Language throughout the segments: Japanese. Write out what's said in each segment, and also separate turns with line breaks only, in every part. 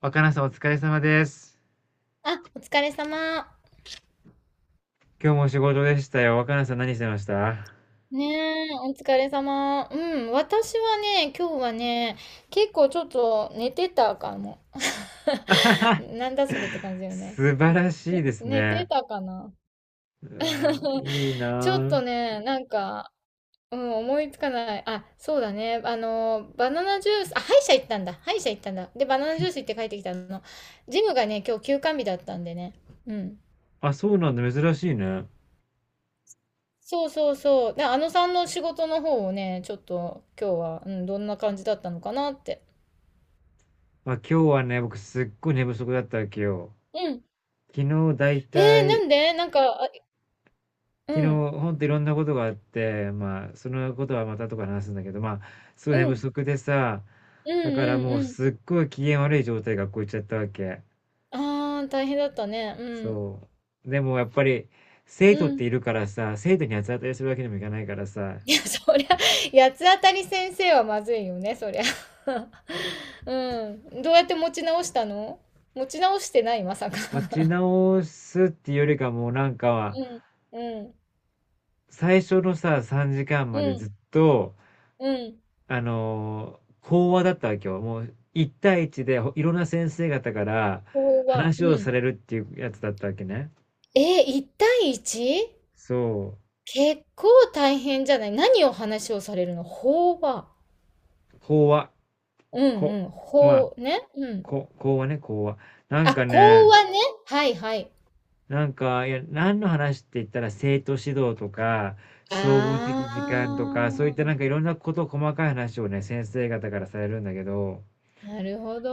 若菜さんお疲れ様です。
あ、お疲れ様。
今日も仕事でしたよ。若菜さん何してました？
ねえ、お疲れ様。うん、私はね、今日はね、結構ちょっと寝てたかも。なんだそれって感じだよね。
素晴らしいです
寝て
ね。
たかな。
うわー、いい
ちょっ
な
とね、なんか、うん、思いつかない。あ、そうだね。あの、バナナジュース、あ、歯医者行ったんだ。歯医者行ったんだ。で、バナナジュース行って帰ってきたの。ジムがね、今日休館日だったんでね。うん。
あ。あ、そうなんだ。珍しいね。
そうそうそう。で、あのさんの仕事の方をね、ちょっと今日は、うん、どんな感じだったのかなって。
まあ、今日はね、僕すっごい寝不足だったわけよ。
うん。
昨日だい
え
た
な
い、
んでなんか、あ、
昨日
うん、
ほんといろんなことがあって、まあ、そのことはまたとか話すんだけど、まあ、すごい
う
寝不
ん、
足でさ、
うん、
だから
うん、
もう
うん。
すっごい機嫌悪い状態で学校行っちゃったわけ。
あー、大変だったね。うん、
そう。でもやっぱり、生
う
徒って
ん。
いるからさ、生徒に八つ当たりするわけにもいかないからさ、
いや、そりゃ、八つ当たり先生はまずいよね、そりゃ。うん。どうやって持ち直したの？持ち直してない、まさか。
持ち直すっていうよりかもうなんか、
うん、うん、
最初のさ、3時間ま
う
でず
ん、
っと、
うん。
講話だったわけよ。もう、一対一でほいろんな先生方から
ここは、
話を
う
さ
ん。
れるっていうやつだったわけね。
1対 1？
そ
結構大変じゃない？何を話をされるの？法話。
う。講話。
うん
こ、
うん。
まあ、
法、ね。うん。
こ、講話ね、講話。なん
あ、
かね、
講話ね。はいはい。
なんか、いや、何の話って言ったら、生徒指導とか、総合
あ
的時間とか、そういったな
あ、
んかいろんなこと、細かい話をね、先生方からされるんだけど、
なるほど。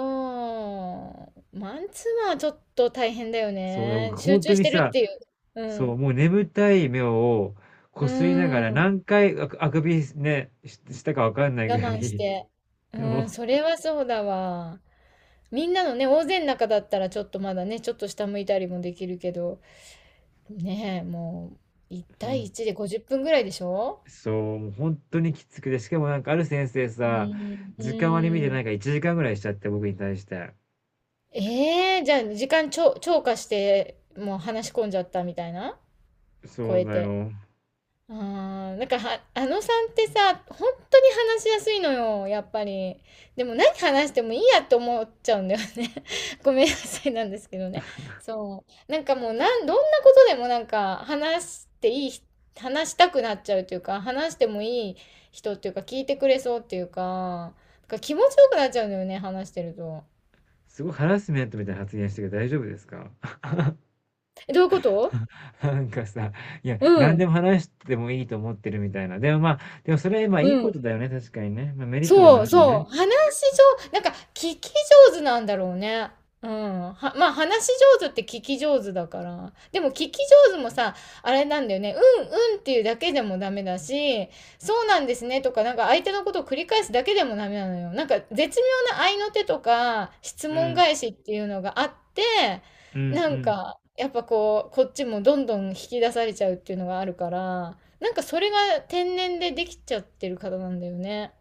マンツーマンはちょっと大変だよ
そうだ、僕
ね。
ほ
集
んと
中し
に
てるっ
さ、
ていう。う
そう、
ん。
もう眠たい目を
う
こすりながら
ーん。
何回あくあくびね、ししたかわかんない
我
ぐら
慢し
い、
て。
で
う
も、
ん、それはそうだわ。みんなのね、大勢の中だったらちょっとまだね、ちょっと下向いたりもできるけど。ねえ、もう、1
ほ
対
ん
1で50分ぐらいでしょ？
そう、もうほんとにきつくて、しかもなんかある先生
う
さ、
ーん、う
時間割り見て
ー
なん
ん。
か1時間ぐらいしちゃって、僕に対して。
ええ？じゃあ時間超、超過して、もう話し込んじゃったみたいな？超
そう
え
だ
て。
よ。
ああ、なんかは、あのさんってさ、本当に話しやすいのよ、やっぱり。でも何話してもいいやって思っちゃうんだよね。ごめんなさいなんですけどね。そう。なんかもうなん、どんなことでもなんか話していい、話したくなっちゃうというか、話してもいい人っていうか、聞いてくれそうっていうか、なんか気持ちよくなっちゃうんだよね、話してると。
すごいハラスメントみたいな発言してるけど大丈夫ですか？
え、どういうこと？
なんかさ、いや、
う
何でも
ん。
話してもいいと思ってるみたいな。でもまあ、でもそれ、まあ
う
いいこ
ん。
とだよね、確かにね。まあメリットでも
そ
あ
う
るよ
そう。
ね。
話し上、なんか聞き上手なんだろうね。うん。は、まあ話し上手って聞き上手だから。でも聞き上手もさ、あれなんだよね。うんうんっていうだけでもダメだし、そうなんですねとか、なんか相手のことを繰り返すだけでもダメなのよ。なんか絶妙な合いの手とか、質
う
問
ん、
返しっていうのがあって、
うん、う
なん
ん。
か、やっぱこう、こっちもどんどん引き出されちゃうっていうのがあるから、なんかそれが天然でできちゃってる方なんだよね。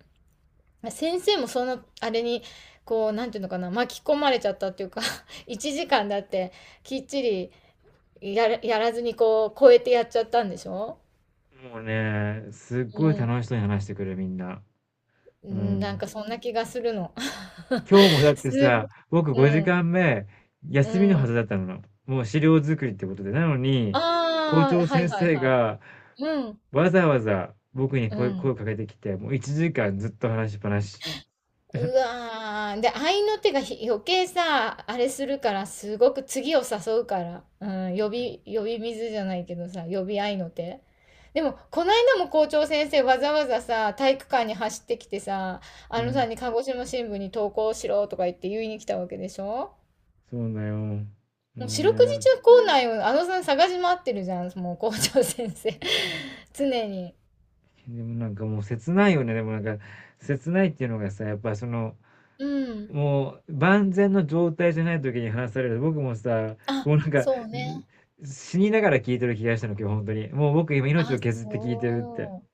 先生もそのあれにこうなんていうのかな、巻き込まれちゃったっていうか、 1時間だってきっちりやらずにこう超えてやっちゃったんでしょ？
もうね、すっ
う
ごい
ん。
楽しそうに話してくる、みんな。
う
う
ん、なんか
ん。
そんな気がするの。
今日もだっ て
す
さ、
ご。
僕5
うん、
時間目、
う
休みのはず
ん。
だったの。もう資料作りってことで。なのに、校
ああ、
長
はい
先
はい
生
は
が
い。うん、
わざわざ僕に
う
声、声
ん。
をかけてきて、もう1時間ずっと話しっぱなし。
うわー。で、合いの手がひ余計さ、あれするから、すごく次を誘うから。うん、呼び水じゃないけどさ、呼び合いの手。でも、この間も校長先生わざわざさ、体育館に走ってきてさ、
う
あのさ
ん、
んに鹿児島新聞に投稿しろとか言って言いに来たわけでしょ？
そうだよ。もう
もう四六時
ね。
中校内をあのさん探し回ってるじゃん、もう校長先生。常に。
でもなんかもう切ないよね。でもなんか切ないっていうのがさ、やっぱその、
うん。
もう万全の状態じゃない時に話される。僕もさ、
あ、
もうなんか
そうね。
死にながら聞いてる気がしたの、今日本当に。もう僕今命
あ、
を削って聞いてるって。
そう。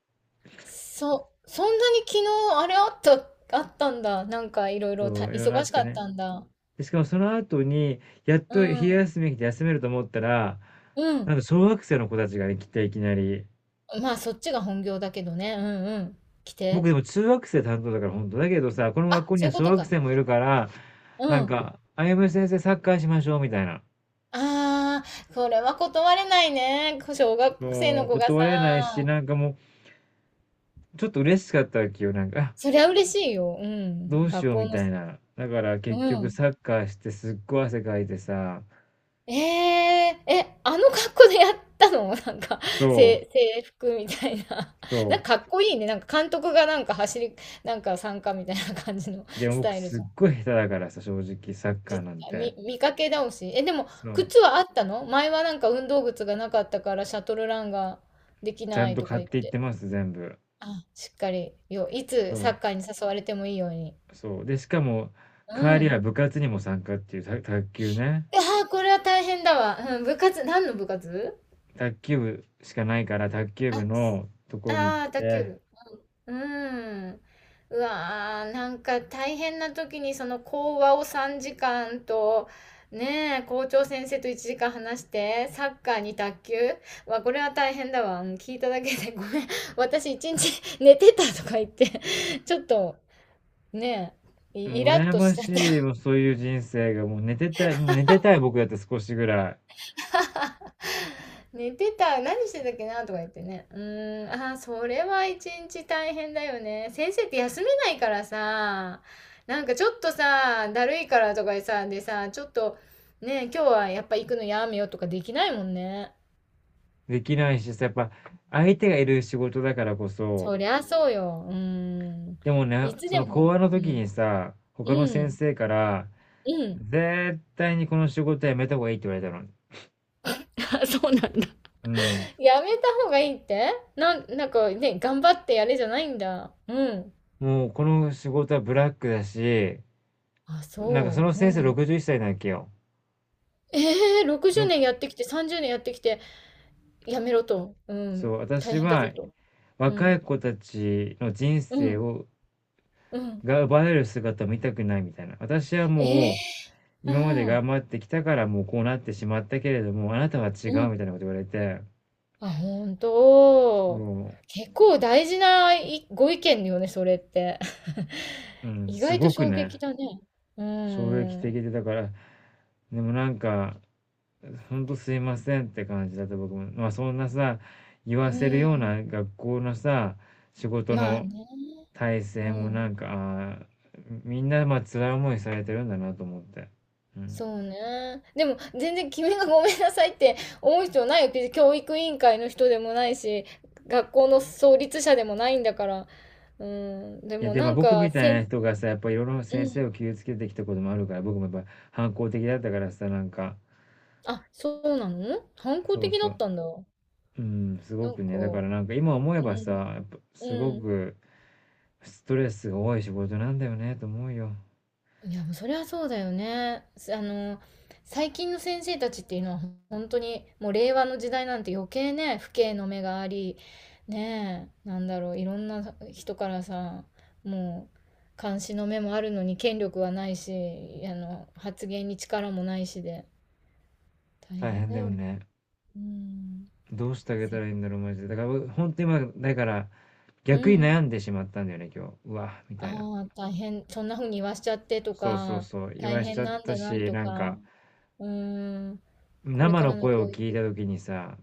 そ、そんなに昨日あれあった、あったんだ。なんかいろいろ
そ
た
う、いろいろあ
忙
っ
しか
て
っ
ね。
たんだ。
で、しかもその後に、やっ
う
と昼
ん。
休み来て休めると思ったら、
うん。
なんか小学生の子たちが来ていきなり。
まあそっちが本業だけどね。うんうん。来て。
僕でも中学生担当だから本当だけどさ、この学
あ、
校に
そ
は
ういうこ
小
と
学
か。
生もいるから、
う
なん
ん。
か、あゆむ先生サッカーしましょうみたいな。
ああ、これは断れないね。小学生
も
の
う
子が
断れないし、
さ。
なんかもう、ちょっと嬉しかったわけよ。なんか、あ、
そりゃ嬉しいよ。う
ど
ん。
うし
学
よう
校
み
の、
たいな。だから
う
結局
ん。
サッカーしてすっごい汗かいてさ、
ええ、え、あの格好でやったの？なんか、
そう、
せ制服みたいな。
そ
なんかかっこいいね。なんか監督がなんか走り、なんか参加みたいな感じの
う。で も
ス
僕
タイル
す
じ
っ
ゃん。
ごい下手だからさ、正直サッカー
じ、
なんて。
み見かけ倒し。え、でも
そう。
靴はあったの？前はなんか運動靴がなかったからシャトルランができ
ちゃ
な
ん
い
と
とか
買っ
言っ
ていって
て。
ます、全部。
あ、しっかり、よ、いつ
そ
サ
う、
ッカーに誘われてもいいように。
そう。で、しかも、帰
う
りは
ん。
部活にも参加っていう、た卓球ね。
ああ、これは大変だわ。うん、部活、何の部活？
卓球部しかないから、卓球
あ、
部のところに行っ
ああ、卓球
て、
部。うーん。うわー、なんか大変な時にその講話を3時間と、ねえ、校長先生と1時間話して、サッカーに卓球、わ、これは大変だわ。うん、聞いただけでごめん。私一日寝てたとか言って、ちょっとねえ、イイ
もう
ラッ
羨
とし
ま
ちゃ
し
っ
い、もう
た。
そういう人生が、もう寝てたい、もう寝てたい僕だって少しぐらい
寝てた何してたっけなとか言ってね。うーん、あー、それは一日大変だよね。先生って休めないからさ、なんかちょっとさ、だるいからとかでさ、ちょっとね、今日はやっぱ行くのやめようとかできないもんね。
できないしさ、やっぱ相手がいる仕事だからこそ、
そりゃそうよ。うーん、
でもね、
いつ
そ
で
の講
も。
話の
う
時
ん、
にさ、他の
う
先
ん、
生から、
うん。
絶対にこの仕事はやめた方がいいって言われたの。
あ、そうなんだ。
うん。
やめた方がいいって、なん、なんかね、頑張ってやれじゃないんだ。うん。
もうこの仕事はブラックだし、
あ、
なんかそ
そ
の
う。
先生
うん。
61歳なわけよ。
ええ、60
ろ
年やってきて、30年やってきて、やめろと。う
そ
ん。
う、
大
私
変だぞ
は
と。う
若
ん。
い子たちの人
う
生
ん。
を、
うん。
が奪われる姿を見たくないみたいな。私は
ええ
もう、
ー。
今まで
うん。
頑張ってきたからもうこうなってしまったけれども、あなたは違
う
う
ん。
みたいなこと言われて、
あ、本当。
も
結構大事ないご意見よね、それって。
う、う ん、
意
す
外と
ごく
衝撃
ね、
だね。う
衝撃的
ん。
で、だから、でもなんか、ほんとすいませんって感じだった僕も。まあそんなさ、言わ
う
せるよう
ん。
な学校のさ、仕事
まあ
の
ね。
体
う
制も
ん。
なんか、ああ、みんなまあ辛い思いされてるんだなと思って。うん。
そうね。でも、全然君がごめんなさいって思う必要ないよ。別に教育委員会の人でもないし、学校の創立者でもないんだから。うん。で
いや
も
で
な
も
ん
僕
か、
みた
せ
い
ん、
な人がさ、やっぱいろいろ
う
先生
ん。
を傷つけてきたこともあるから、僕もやっぱ反抗的だったからさ、なんか
あ、そうなの？反抗
そう
的だ
そ
っ
う。
たんだ。
うん、すご
なんか、
くね、だからなんか今思え
う
ばさ、
ん。
やっぱすご
うん。
くストレスが多い仕事なんだよねと思うよ。
いや、もうそりゃそうだよね。す、あの、最近の先生たちっていうのは本当にもう令和の時代なんて余計ね、父兄の目があり、ねえ、なんだろう、いろんな人からさ、もう監視の目もあるのに権力はないし、あの、発言に力もないしで、大
大
変
変
だ
だよ
よ。
ね。
うん。
どうしてあげた
せ、
らいいんだろう、マジで。だから、ほんと今、だから、
う
逆に
ん。
悩んでしまったんだよね、今日。うわ、み
あ
たいな。
あ、大変、そんな風に言わしちゃってと
そうそう
か、
そう、言
大
わしち
変
ゃっ
なん
た
だな
し、
と
なん
か、
か、
うん。これ
生
から
の
の
声を
教
聞い
育。
た時にさ、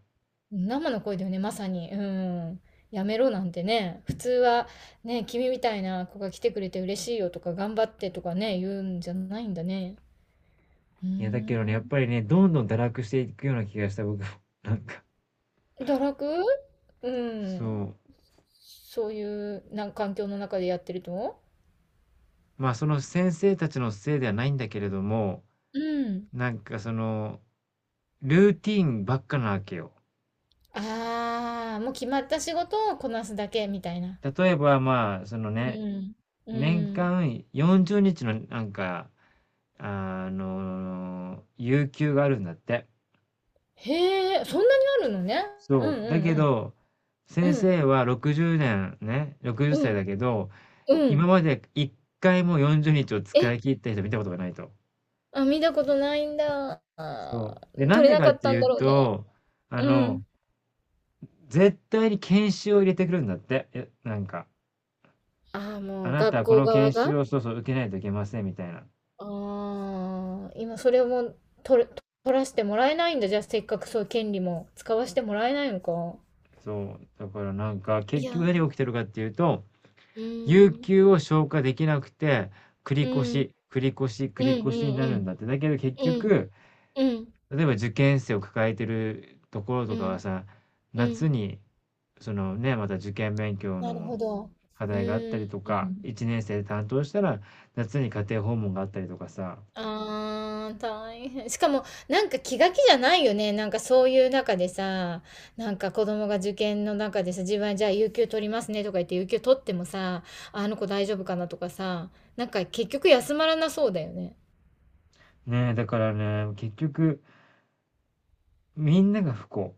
生の声だよね、まさに。うん。やめろなんてね、普通はね、君みたいな子が来てくれて嬉しいよとか、頑張ってとかね、言うんじゃないんだね。うー
いや、だけどね、やっぱ
ん。
りね、どんどん堕落していくような気がした、僕も。なんか、
堕落。うん。
そう。
そういうな環境の中でやってると。
まあ、その先生たちのせいではないんだけれども、
うん。
なんかその、ルーティーンばっかなわけよ。
ああ、もう決まった仕事をこなすだけみたいな。
例えば、まあ、その
う
ね、
ん。う
年
ん。
間40日のなんか、あの、有給があるんだって。
へえ、そんなにあるのね。う
そ
ん
う。
う
だけ
ん
ど、
う
先
ん。うん。
生は60年ねんね、60
う
歳だ
ん。
けど、
う
今
ん。
まで一回も40日を
え、
使い切った人見たことがないと。
あ、見たことないんだ。
そう。
あ
で、
ー、
なん
取れ
で
な
か
か
っ
っ
て
た
い
んだ
う
ろうね。
と、あ
うん。
の、絶対に研修を入れてくるんだって。えなんか、
ああ、
あ
もう
なた
学
はこ
校
の
側
研
が。
修をそうそう受けないといけませんみたいな。
ああ、今それをもう取れ、取らせてもらえないんだ。じゃあせっかくそういう権利も使わせてもらえないのか。
そう、だからなんか、
い
結
や、
局
う
何が起きてるかっていうと、
ー
有
ん、
給を消化できなくて、繰り
う
越
ん、
し、繰り越し、繰
うん、う
り
ん、
越しにな
う
るんだっ
ん、
て。だけど結
うん、
局、
うん、
例えば受験生を抱えてるところ
う
とかは
ん、
さ、
う
夏
ん。
に、そのね、また受験勉強
なる
の
ほど。
課
う
題があった
ー
りとか、
ん。
1年生で担当したら、夏に家庭訪問があったりとかさ、
ああ、大変。しかも、なんか気が気じゃないよね。なんかそういう中でさ、なんか子供が受験の中でさ、自分はじゃあ有給取りますねとか言って、有給取ってもさ、あの子大丈夫かなとかさ、なんか結局休まらなそうだよね。
ねえ、だからね、結局、みんなが不幸。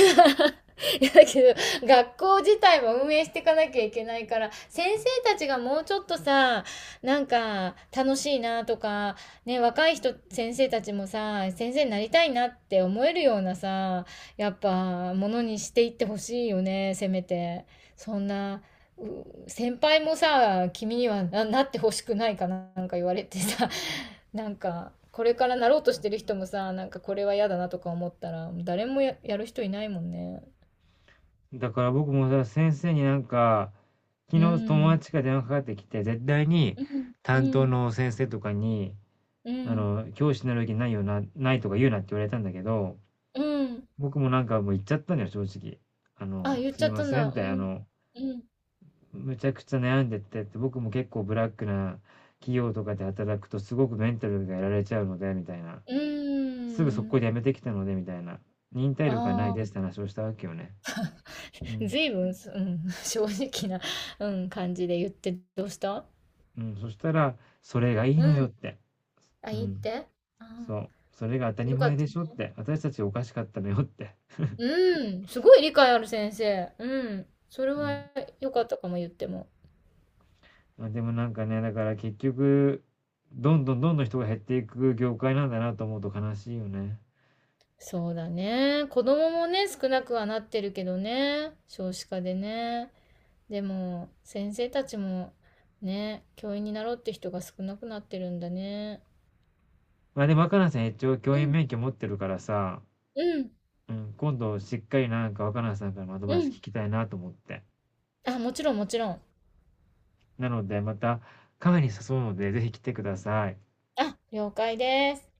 いや、だけど学校自体も運営していかなきゃいけないから、先生たちがもうちょっとさ、なんか楽しいなとかね、若い人先生たちもさ、先生になりたいなって思えるようなさ、やっぱものにしていってほしいよね、せめて。そんな、う、先輩もさ、君にはな、なってほしくないかな、なんか言われてさ、なんか、これからなろうとしてる人もさ、なんかこれは嫌だなとか思ったら、誰もや、やる人いないもんね。
だから僕もさ、先生になんか、昨
う
日友
ん。
達から電話かかってきて、絶対に
うん。
担
う
当
ん。
の先生とかに、
う
あ
ん。
の、教師になる気ないよな、ないとか言うなって言われたんだけど、
うん。
僕もなんかもう言っちゃったんだよ、正直。あ
あ、
の、
言っ
す
ちゃ
い
っ
ま
たん
せん
だ。
っ
う
て、あ
ん。
の、
うん。
むちゃくちゃ悩んでてって、僕も結構ブラックな企業とかで働くとすごくメンタルがやられちゃうので、みたいな。
う
すぐ速攻
ん。
で辞めてきたので、みたいな。忍耐
あ
力がないですって話をしたわけよね。う
あ。
ん。
ずいぶん、うん、正直な、うん、感じで言ってどうした？
うん、そしたら、それがいいの
う
よっ
ん。
て。
あ、
う
いいっ
ん、
て？ああ
そう。それが当た
ー、
り
よかっ
前
た。
でしょって、私たちおかしかったのよって。
うん、すごい理解ある先生。うん。それ
うん。
は良かったかも、言っても。
まあ、でもなんかね、だから結局、どんどんどんどん人が減っていく業界なんだなと思うと悲しいよね。
そうだね。子供もね、少なくはなってるけどね。少子化でね。でも、先生たちもね、教員になろうって人が少なくなってるんだね。
ま、でも若菜さん一応教
う
員
ん、
免許持ってるからさ、
うん、
うん、今度しっかりなんか若菜さんからのアド
う
バイス聞
ん。
きたいなと思って。
あ、もちろんもちろん。
なのでまたカフェに誘うので、ぜひ来てください。
あ、了解です。